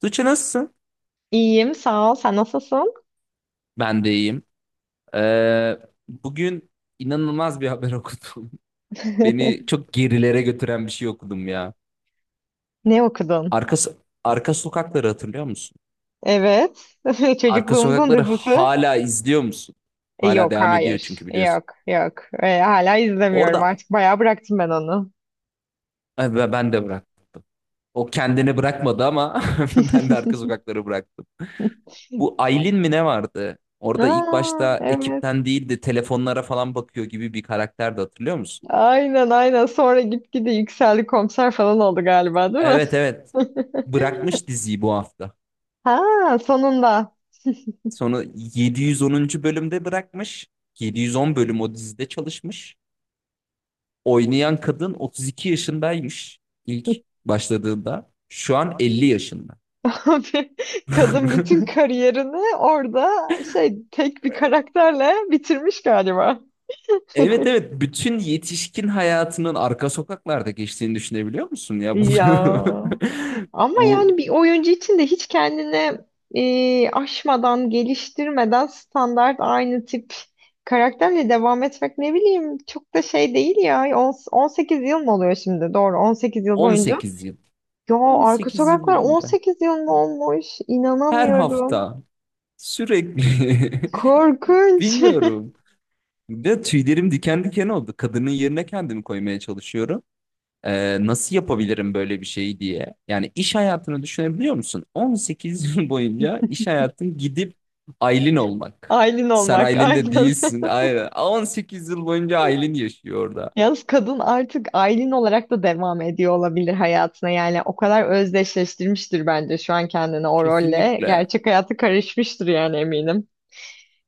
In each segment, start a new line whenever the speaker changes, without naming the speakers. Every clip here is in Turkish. Tuğçe nasılsın?
İyiyim, sağ ol. Sen nasılsın?
Ben de iyiyim. Ee, Bugün inanılmaz bir haber okudum. Beni çok gerilere götüren bir şey okudum ya.
Ne okudun?
Arka, so-, Arka sokakları hatırlıyor musun?
Evet.
Arka
Çocukluğumuzun
sokakları
dizisi.
hala izliyor musun? Hala
Yok,
devam ediyor
hayır.
çünkü biliyorsun.
Yok, yok. Hala izlemiyorum.
Orada
Artık bayağı bıraktım ben onu.
ay, ben de bıraktım. O kendini bırakmadı ama ben de arka sokakları bıraktım. Bu Aylin mi ne vardı? Orada ilk
Aa,
başta
evet.
ekipten değil de telefonlara falan bakıyor gibi bir karakterdi hatırlıyor musun?
Aynen, aynen. Sonra gitgide yükseldi komiser falan oldu galiba, değil mi?
Evet, evet. Bırakmış diziyi bu hafta.
Ha, sonunda.
Sonra 710. bölümde bırakmış. 710 bölüm o dizide çalışmış. Oynayan kadın 32 yaşındaymış ilk başladığında. Şu an 50 yaşında.
Kadın bütün kariyerini orada şey tek bir karakterle bitirmiş galiba.
Evet, evet, bütün yetişkin hayatının arka sokaklarda geçtiğini düşünebiliyor musun ya
Ya
bunu?
ama yani
Bu
bir oyuncu için de hiç kendine aşmadan, geliştirmeden standart aynı tip karakterle devam etmek ne bileyim çok da şey değil ya. 18 yıl mı oluyor şimdi? Doğru 18 yıl boyunca.
18 yıl.
Ya Arka
18 yıl
Sokaklar
boyunca
18 yıl mı olmuş?
her
İnanamıyorum.
hafta sürekli,
Korkunç.
bilmiyorum, de tüylerim diken diken oldu. Kadının yerine kendimi koymaya çalışıyorum. Nasıl yapabilirim böyle bir şeyi diye. Yani iş hayatını düşünebiliyor musun? 18 yıl boyunca iş hayatın gidip Aylin olmak.
Aylin
Sen
olmak
Aylin de
aynen.
değilsin. Aynen. 18 yıl boyunca Aylin yaşıyor orada.
Yalnız kadın artık Aylin olarak da devam ediyor olabilir hayatına. Yani o kadar özdeşleştirmiştir bence şu an kendini o rolle.
Kesinlikle.
Gerçek hayatı karışmıştır yani eminim.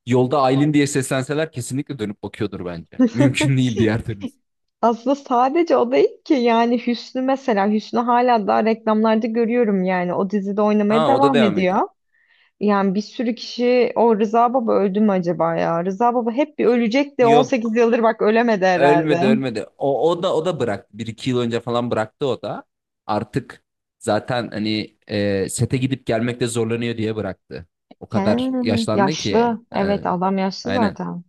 Yolda Aylin diye seslenseler kesinlikle dönüp bakıyordur bence. Mümkün değil diğer türlüsü.
Aslında sadece o değil ki yani Hüsnü mesela Hüsnü hala daha reklamlarda görüyorum yani o dizide oynamaya
Ha, o da
devam
devam ediyor.
ediyor. Yani bir sürü kişi o Rıza Baba öldü mü acaba ya? Rıza Baba hep bir ölecek de 18
Yok.
yıldır bak ölemedi herhalde.
Ölmedi, ölmedi. O da bıraktı. Bir iki yıl önce falan bıraktı o da. Artık zaten hani sete gidip gelmekte zorlanıyor diye bıraktı. O
He,
kadar yaşlandı ki.
yaşlı. Evet adam yaşlı
Aynen.
zaten.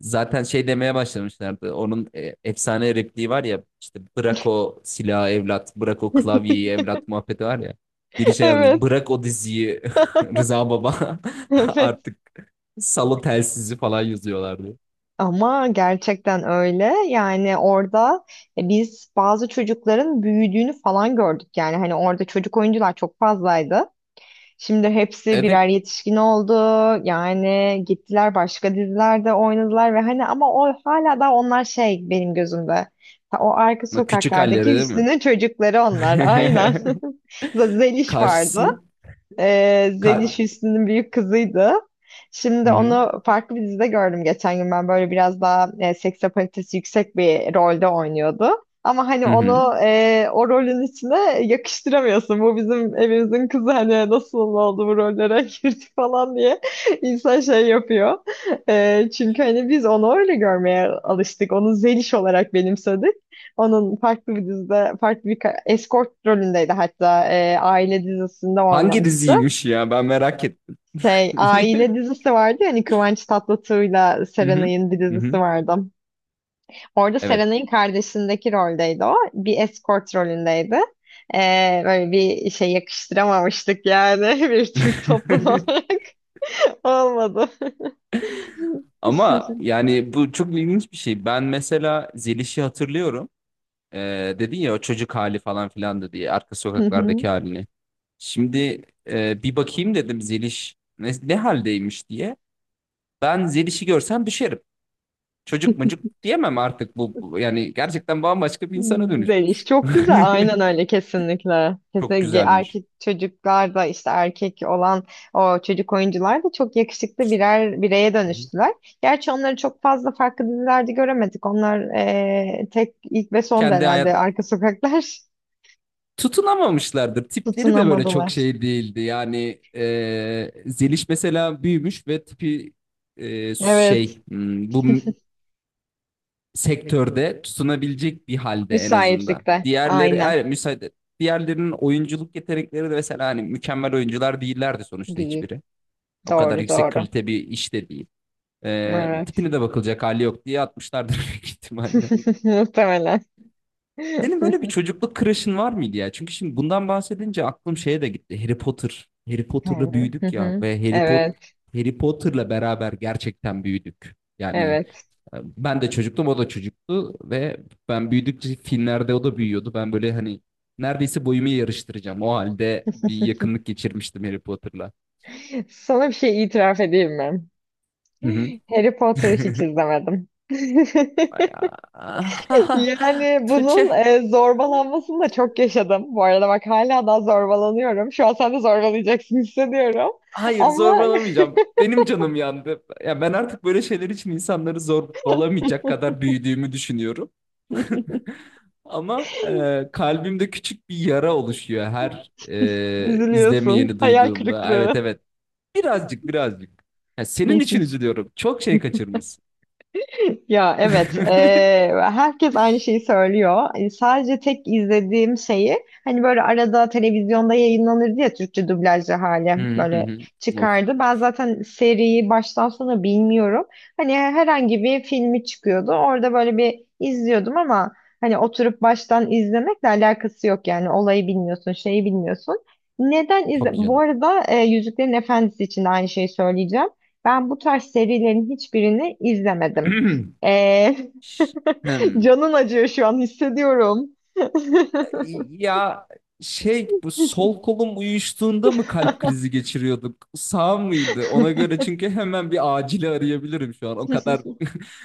Zaten şey demeye başlamışlardı. Onun efsane repliği var ya, işte bırak o silahı evlat, bırak o klavyeyi evlat muhabbeti var ya. Biri şey yazmış,
Evet,
bırak o diziyi Rıza Baba
evet.
artık salı telsizi falan yazıyorlardı.
Ama gerçekten öyle. Yani orada biz bazı çocukların büyüdüğünü falan gördük. Yani hani orada çocuk oyuncular çok fazlaydı. Şimdi hepsi
Evet.
birer yetişkin oldu. Yani gittiler başka dizilerde oynadılar ve hani ama o hala da onlar şey benim gözümde. Ha, o arka
Küçük halleri
sokaklardaki
değil mi?
Hüsnü'nün çocukları onlar. Aynen. Zeliş vardı.
Karşısına. Kar.
Zeliş Hüsnü'nün büyük kızıydı.
Hı
Şimdi
hı.
onu farklı bir dizide gördüm geçen gün. Ben böyle biraz daha seks apalitesi yüksek bir rolde oynuyordu. Ama hani
Hı hı.
onu o rolün içine yakıştıramıyorsun. Bu bizim evimizin kızı hani nasıl oldu bu rollere girdi falan diye insan şey yapıyor. Çünkü hani biz onu öyle görmeye alıştık. Onu Zeliş olarak benimsedik. Onun farklı bir dizide, farklı bir escort rolündeydi hatta. Aile dizisinde
Hangi
oynamıştı.
diziymiş ya? Ben merak ettim.
Aile dizisi vardı yani Kıvanç Tatlıtuğ'la
Hı hı.
Serenay'ın bir
Hı
dizisi
hı.
vardı. Orada
Evet.
Serenay'ın kardeşindeki roldeydi o. Bir escort rolündeydi. Böyle bir şey yakıştıramamıştık yani bir Türk toplum olarak. Olmadı.
Ama yani bu çok ilginç bir şey. Ben mesela Zeliş'i hatırlıyorum. Dedin ya o çocuk hali falan filan da diye arka
Hı hı.
sokaklardaki halini. Şimdi bir bakayım dedim Zeliş ne haldeymiş diye. Ben Zeliş'i görsem düşerim. Çocuk mucuk diyemem artık yani gerçekten bambaşka bir insana
Böyle iş
dönüşmüş.
çok güzel. Aynen öyle kesinlikle.
Çok
Kesinlikle
güzelmiş.
erkek çocuklar da işte erkek olan o çocuk oyuncular da çok yakışıklı birer bireye
Hı hı.
dönüştüler. Gerçi onları çok fazla farklı dizilerde göremedik. Onlar tek ilk ve son da
Kendi
herhalde
hayat
arka sokaklar
tutunamamışlardır. Tipleri de böyle çok
tutunamadılar.
şey değildi. Yani Zeliş mesela büyümüş ve tipi e,
Evet.
şey hmm, bu m- sektörde tutunabilecek bir halde en azından.
Müsaitlikte.
Diğerleri
Aynen.
hayır, müsaade. Diğerlerinin oyunculuk yetenekleri de mesela hani mükemmel oyuncular değillerdi sonuçta
Değil.
hiçbiri. O kadar
Doğru
yüksek
doğru.
kalite bir iş de değil.
Evet.
Tipine de bakılacak hali yok diye atmışlardır büyük ihtimalle.
Muhtemelen.
Senin böyle bir çocukluk crush'ın var mıydı ya? Çünkü şimdi bundan bahsedince aklım şeye de gitti. Harry Potter. Harry Potter'la
Hı
büyüdük ya
hı.
ve
Evet.
Harry Potter'la beraber gerçekten büyüdük. Yani
Evet.
ben de çocuktum, o da çocuktu ve ben büyüdükçe filmlerde o da büyüyordu. Ben böyle hani neredeyse boyumu yarıştıracağım. O halde bir yakınlık geçirmiştim Harry Potter'la.
Sana bir şey itiraf edeyim mi?
Hı hı.
Harry Potter'ı hiç izlemedim.
Ay, ah,
Yani bunun
Tuğçe,
zorbalanmasını da çok yaşadım. Bu arada bak hala daha zorbalanıyorum. Şu an sen de zorbalayacaksın hissediyorum.
hayır,
Ama
zorbalamayacağım. Benim canım yandı. Ya ben artık böyle şeyler için insanları zorbalamayacak kadar büyüdüğümü düşünüyorum. Ama kalbimde küçük bir yara oluşuyor her
üzülüyorsun.
izlemeyeni
Hayal
duyduğumda. Evet,
kırıklığı.
evet. Birazcık, birazcık. Ya senin için üzülüyorum. Çok şey kaçırmışsın.
Ya evet, herkes aynı şeyi söylüyor. Sadece tek izlediğim şeyi hani böyle arada televizyonda yayınlanırdı ya Türkçe dublajlı hali
Hı hı
böyle
hı. Of,
çıkardı. Ben zaten seriyi baştan sona bilmiyorum. Hani herhangi bir filmi çıkıyordu. Orada böyle bir izliyordum ama hani oturup baştan izlemekle alakası yok yani olayı bilmiyorsun, şeyi bilmiyorsun. Neden izle?
tabii
Bu
canım.
arada Yüzüklerin Efendisi için de aynı şeyi söyleyeceğim. Ben bu tarz serilerin hiçbirini izlemedim. Ee,
Ş- Hem.
canın acıyor şu an hissediyorum.
Ya şey, bu sol kolum uyuştuğunda mı kalp krizi geçiriyorduk? Sağ mıydı? Ona göre, çünkü hemen bir acili arayabilirim şu an. O kadar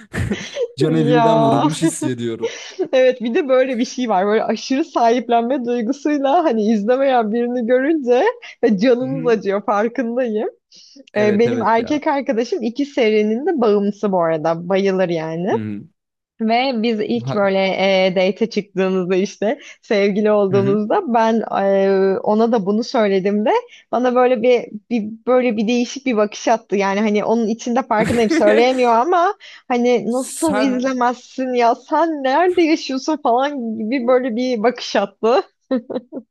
can
Ya
evimden vurulmuş hissediyorum.
evet bir de böyle bir şey var böyle aşırı sahiplenme duygusuyla hani izlemeyen birini görünce canınız
Hı-hı.
acıyor farkındayım.
Evet,
Benim
evet
erkek
ya.
arkadaşım iki serinin de bağımlısı bu arada bayılır yani.
Hı-hı.
Ve biz ilk
Ha-
böyle date çıktığımızda işte sevgili
Hı-hı.
olduğumuzda ben ona da bunu söylediğimde bana böyle bir böyle bir değişik bir bakış attı. Yani hani onun içinde farkındayım söyleyemiyor ama hani nasıl
Sen
izlemezsin ya sen nerede yaşıyorsun falan gibi böyle bir bakış attı.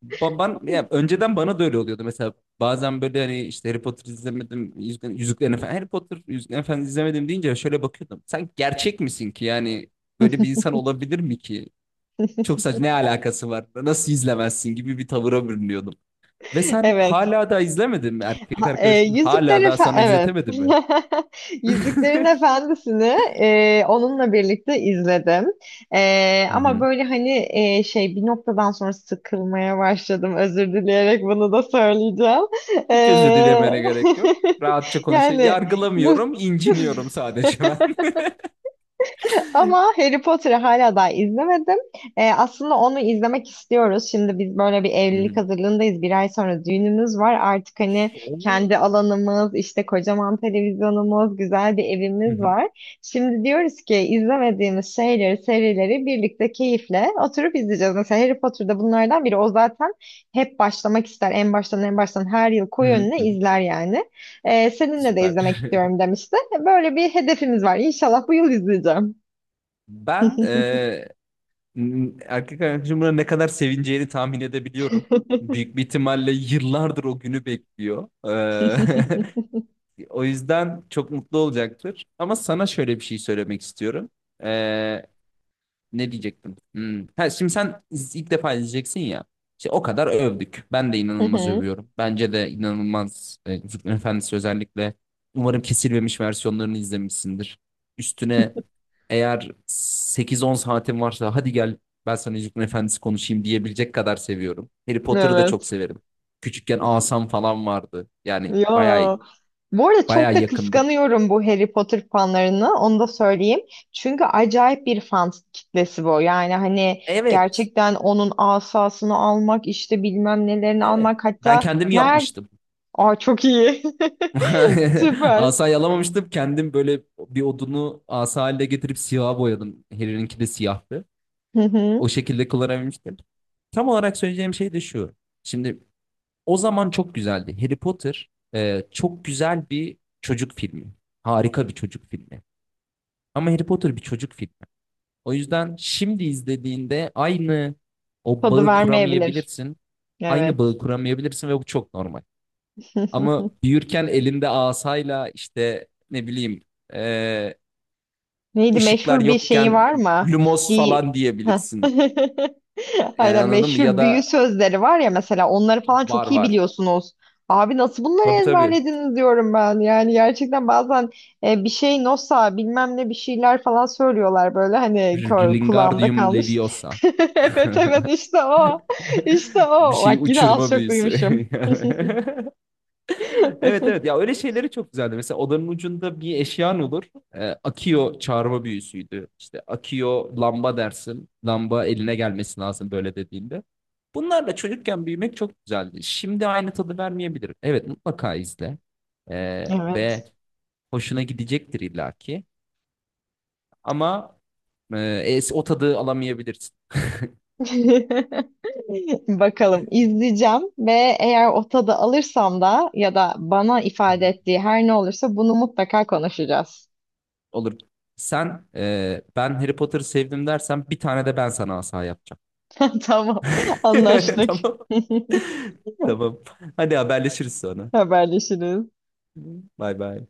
baban ya, önceden bana da öyle oluyordu mesela. Bazen böyle hani işte Harry Potter izlemedim, Yüzüklerin Efendisi, Harry Potter, Yüzüklerin Efendisi izlemedim deyince şöyle bakıyordum. Sen gerçek misin ki, yani böyle bir insan olabilir mi ki? Çok saçma, ne alakası var? Nasıl izlemezsin gibi bir tavıra bürünüyordum. Ve sen
Evet.
hala da izlemedin mi? Erkek
Ha,
arkadaşın
Yüzükler
hala daha
Efendisi,
sana
evet.
izletemedi mi?
Yüzüklerin Efendisi'ni onunla birlikte izledim.
Hı
Ama
hı.
böyle hani şey bir noktadan sonra sıkılmaya başladım. Özür dileyerek bunu da söyleyeceğim. E,
Hiç özür dilemene gerek yok. Rahatça konuş.
yani mu
Yargılamıyorum, inciniyorum sadece ben.
Ama Harry Potter'ı hala daha izlemedim. Aslında onu izlemek istiyoruz. Şimdi biz böyle bir
Hı
evlilik
hı.
hazırlığındayız. Bir ay sonra düğünümüz var. Artık hani
Oo.
kendi alanımız, işte kocaman televizyonumuz, güzel bir
Hı
evimiz
hı.
var. Şimdi diyoruz ki izlemediğimiz şeyleri, serileri birlikte keyifle oturup izleyeceğiz. Mesela Harry Potter'da bunlardan biri. O zaten hep başlamak ister. En baştan en baştan her yıl
Hı
koyu
hı.
önüne
Hı hı.
izler yani. Seninle de
Süper.
izlemek istiyorum demişti. Böyle bir hedefimiz var. İnşallah bu yıl izleyeceğim.
Ben erkek arkadaşımın ne kadar sevineceğini tahmin edebiliyorum.
Hı
Büyük bir ihtimalle yıllardır o günü bekliyor. O yüzden çok mutlu olacaktır. Ama sana şöyle bir şey söylemek istiyorum. Ee, Ne diyecektim? Hmm. Ha, Şimdi sen ilk defa izleyeceksin ya. İşte o kadar övdük. Ben de inanılmaz
hı.
övüyorum. Bence de inanılmaz. Yüzüklerin Efendisi özellikle. Umarım kesilmemiş versiyonlarını izlemişsindir. Üstüne eğer 8-10 saatin varsa hadi gel, ben sana Yüzüklerin Efendisi konuşayım diyebilecek kadar seviyorum. Harry Potter'ı da çok
Evet.
severim. Küçükken asam falan vardı. Yani bayağı
Ya. Bu arada
bayağı
çok da
yakındık.
kıskanıyorum bu Harry Potter fanlarını. Onu da söyleyeyim. Çünkü acayip bir fan kitlesi bu. Yani hani
Evet.
gerçekten onun asasını almak, işte bilmem nelerini
Evet.
almak.
Ben
Hatta
kendim
nerede?
yapmıştım.
Aa, çok iyi. Süper.
Asa yalamamıştım. Kendim böyle bir odunu asa haline getirip siyaha boyadım. Harry'ninki de siyahtı.
Hı
O
hı.
şekilde kullanabilmiştim. Tam olarak söyleyeceğim şey de şu. Şimdi o zaman çok güzeldi. Harry Potter çok güzel bir çocuk filmi. Harika bir çocuk filmi. Ama Harry Potter bir çocuk filmi. O yüzden şimdi izlediğinde aynı o
Tadı
bağı
vermeyebilir.
kuramayabilirsin. Aynı
Evet.
bağı kuramayabilirsin ve bu çok normal. Ama büyürken elinde asayla işte ne bileyim e,
Neydi,
ışıklar
meşhur bir şeyi
yokken
var mı?
lumos
Bir
falan
Heh.
diyebilirsin. Yani
Aynen,
anladın mı? Ya
meşhur büyü
da
sözleri var ya mesela onları falan
var,
çok iyi
var.
biliyorsunuz. Abi nasıl bunları
Tabii, tabii.
ezberlediniz diyorum ben. Yani gerçekten bazen bir şey nosa bilmem ne bir şeyler falan söylüyorlar böyle hani kulağımda
Lingardium
kalmış.
Leviosa.
Evet, evet, işte o. İşte
Bir
o.
şey
Bak yine az
uçurma
çok
büyüsü.
duymuşum.
Evet, evet ya, öyle şeyleri çok güzeldi. Mesela odanın ucunda bir eşyan olur. Akio çağırma büyüsüydü. İşte Akio lamba dersin. Lamba eline gelmesi lazım böyle dediğinde. Bunlarla çocukken büyümek çok güzeldi. Şimdi aynı tadı vermeyebilir. Evet, mutlaka izle.
Evet.
Ve hoşuna gidecektir illaki. Ama e, o tadı alamayabilirsin.
Bakalım, izleyeceğim ve eğer o tadı alırsam da ya da bana ifade ettiği her ne olursa bunu mutlaka konuşacağız.
Olur. Sen ben Harry Potter'ı sevdim dersen bir tane de ben sana asa yapacağım.
Tamam, anlaştık.
Tamam. Tamam. Hadi haberleşiriz sonra.
Haberleşiriz.
Bay bay.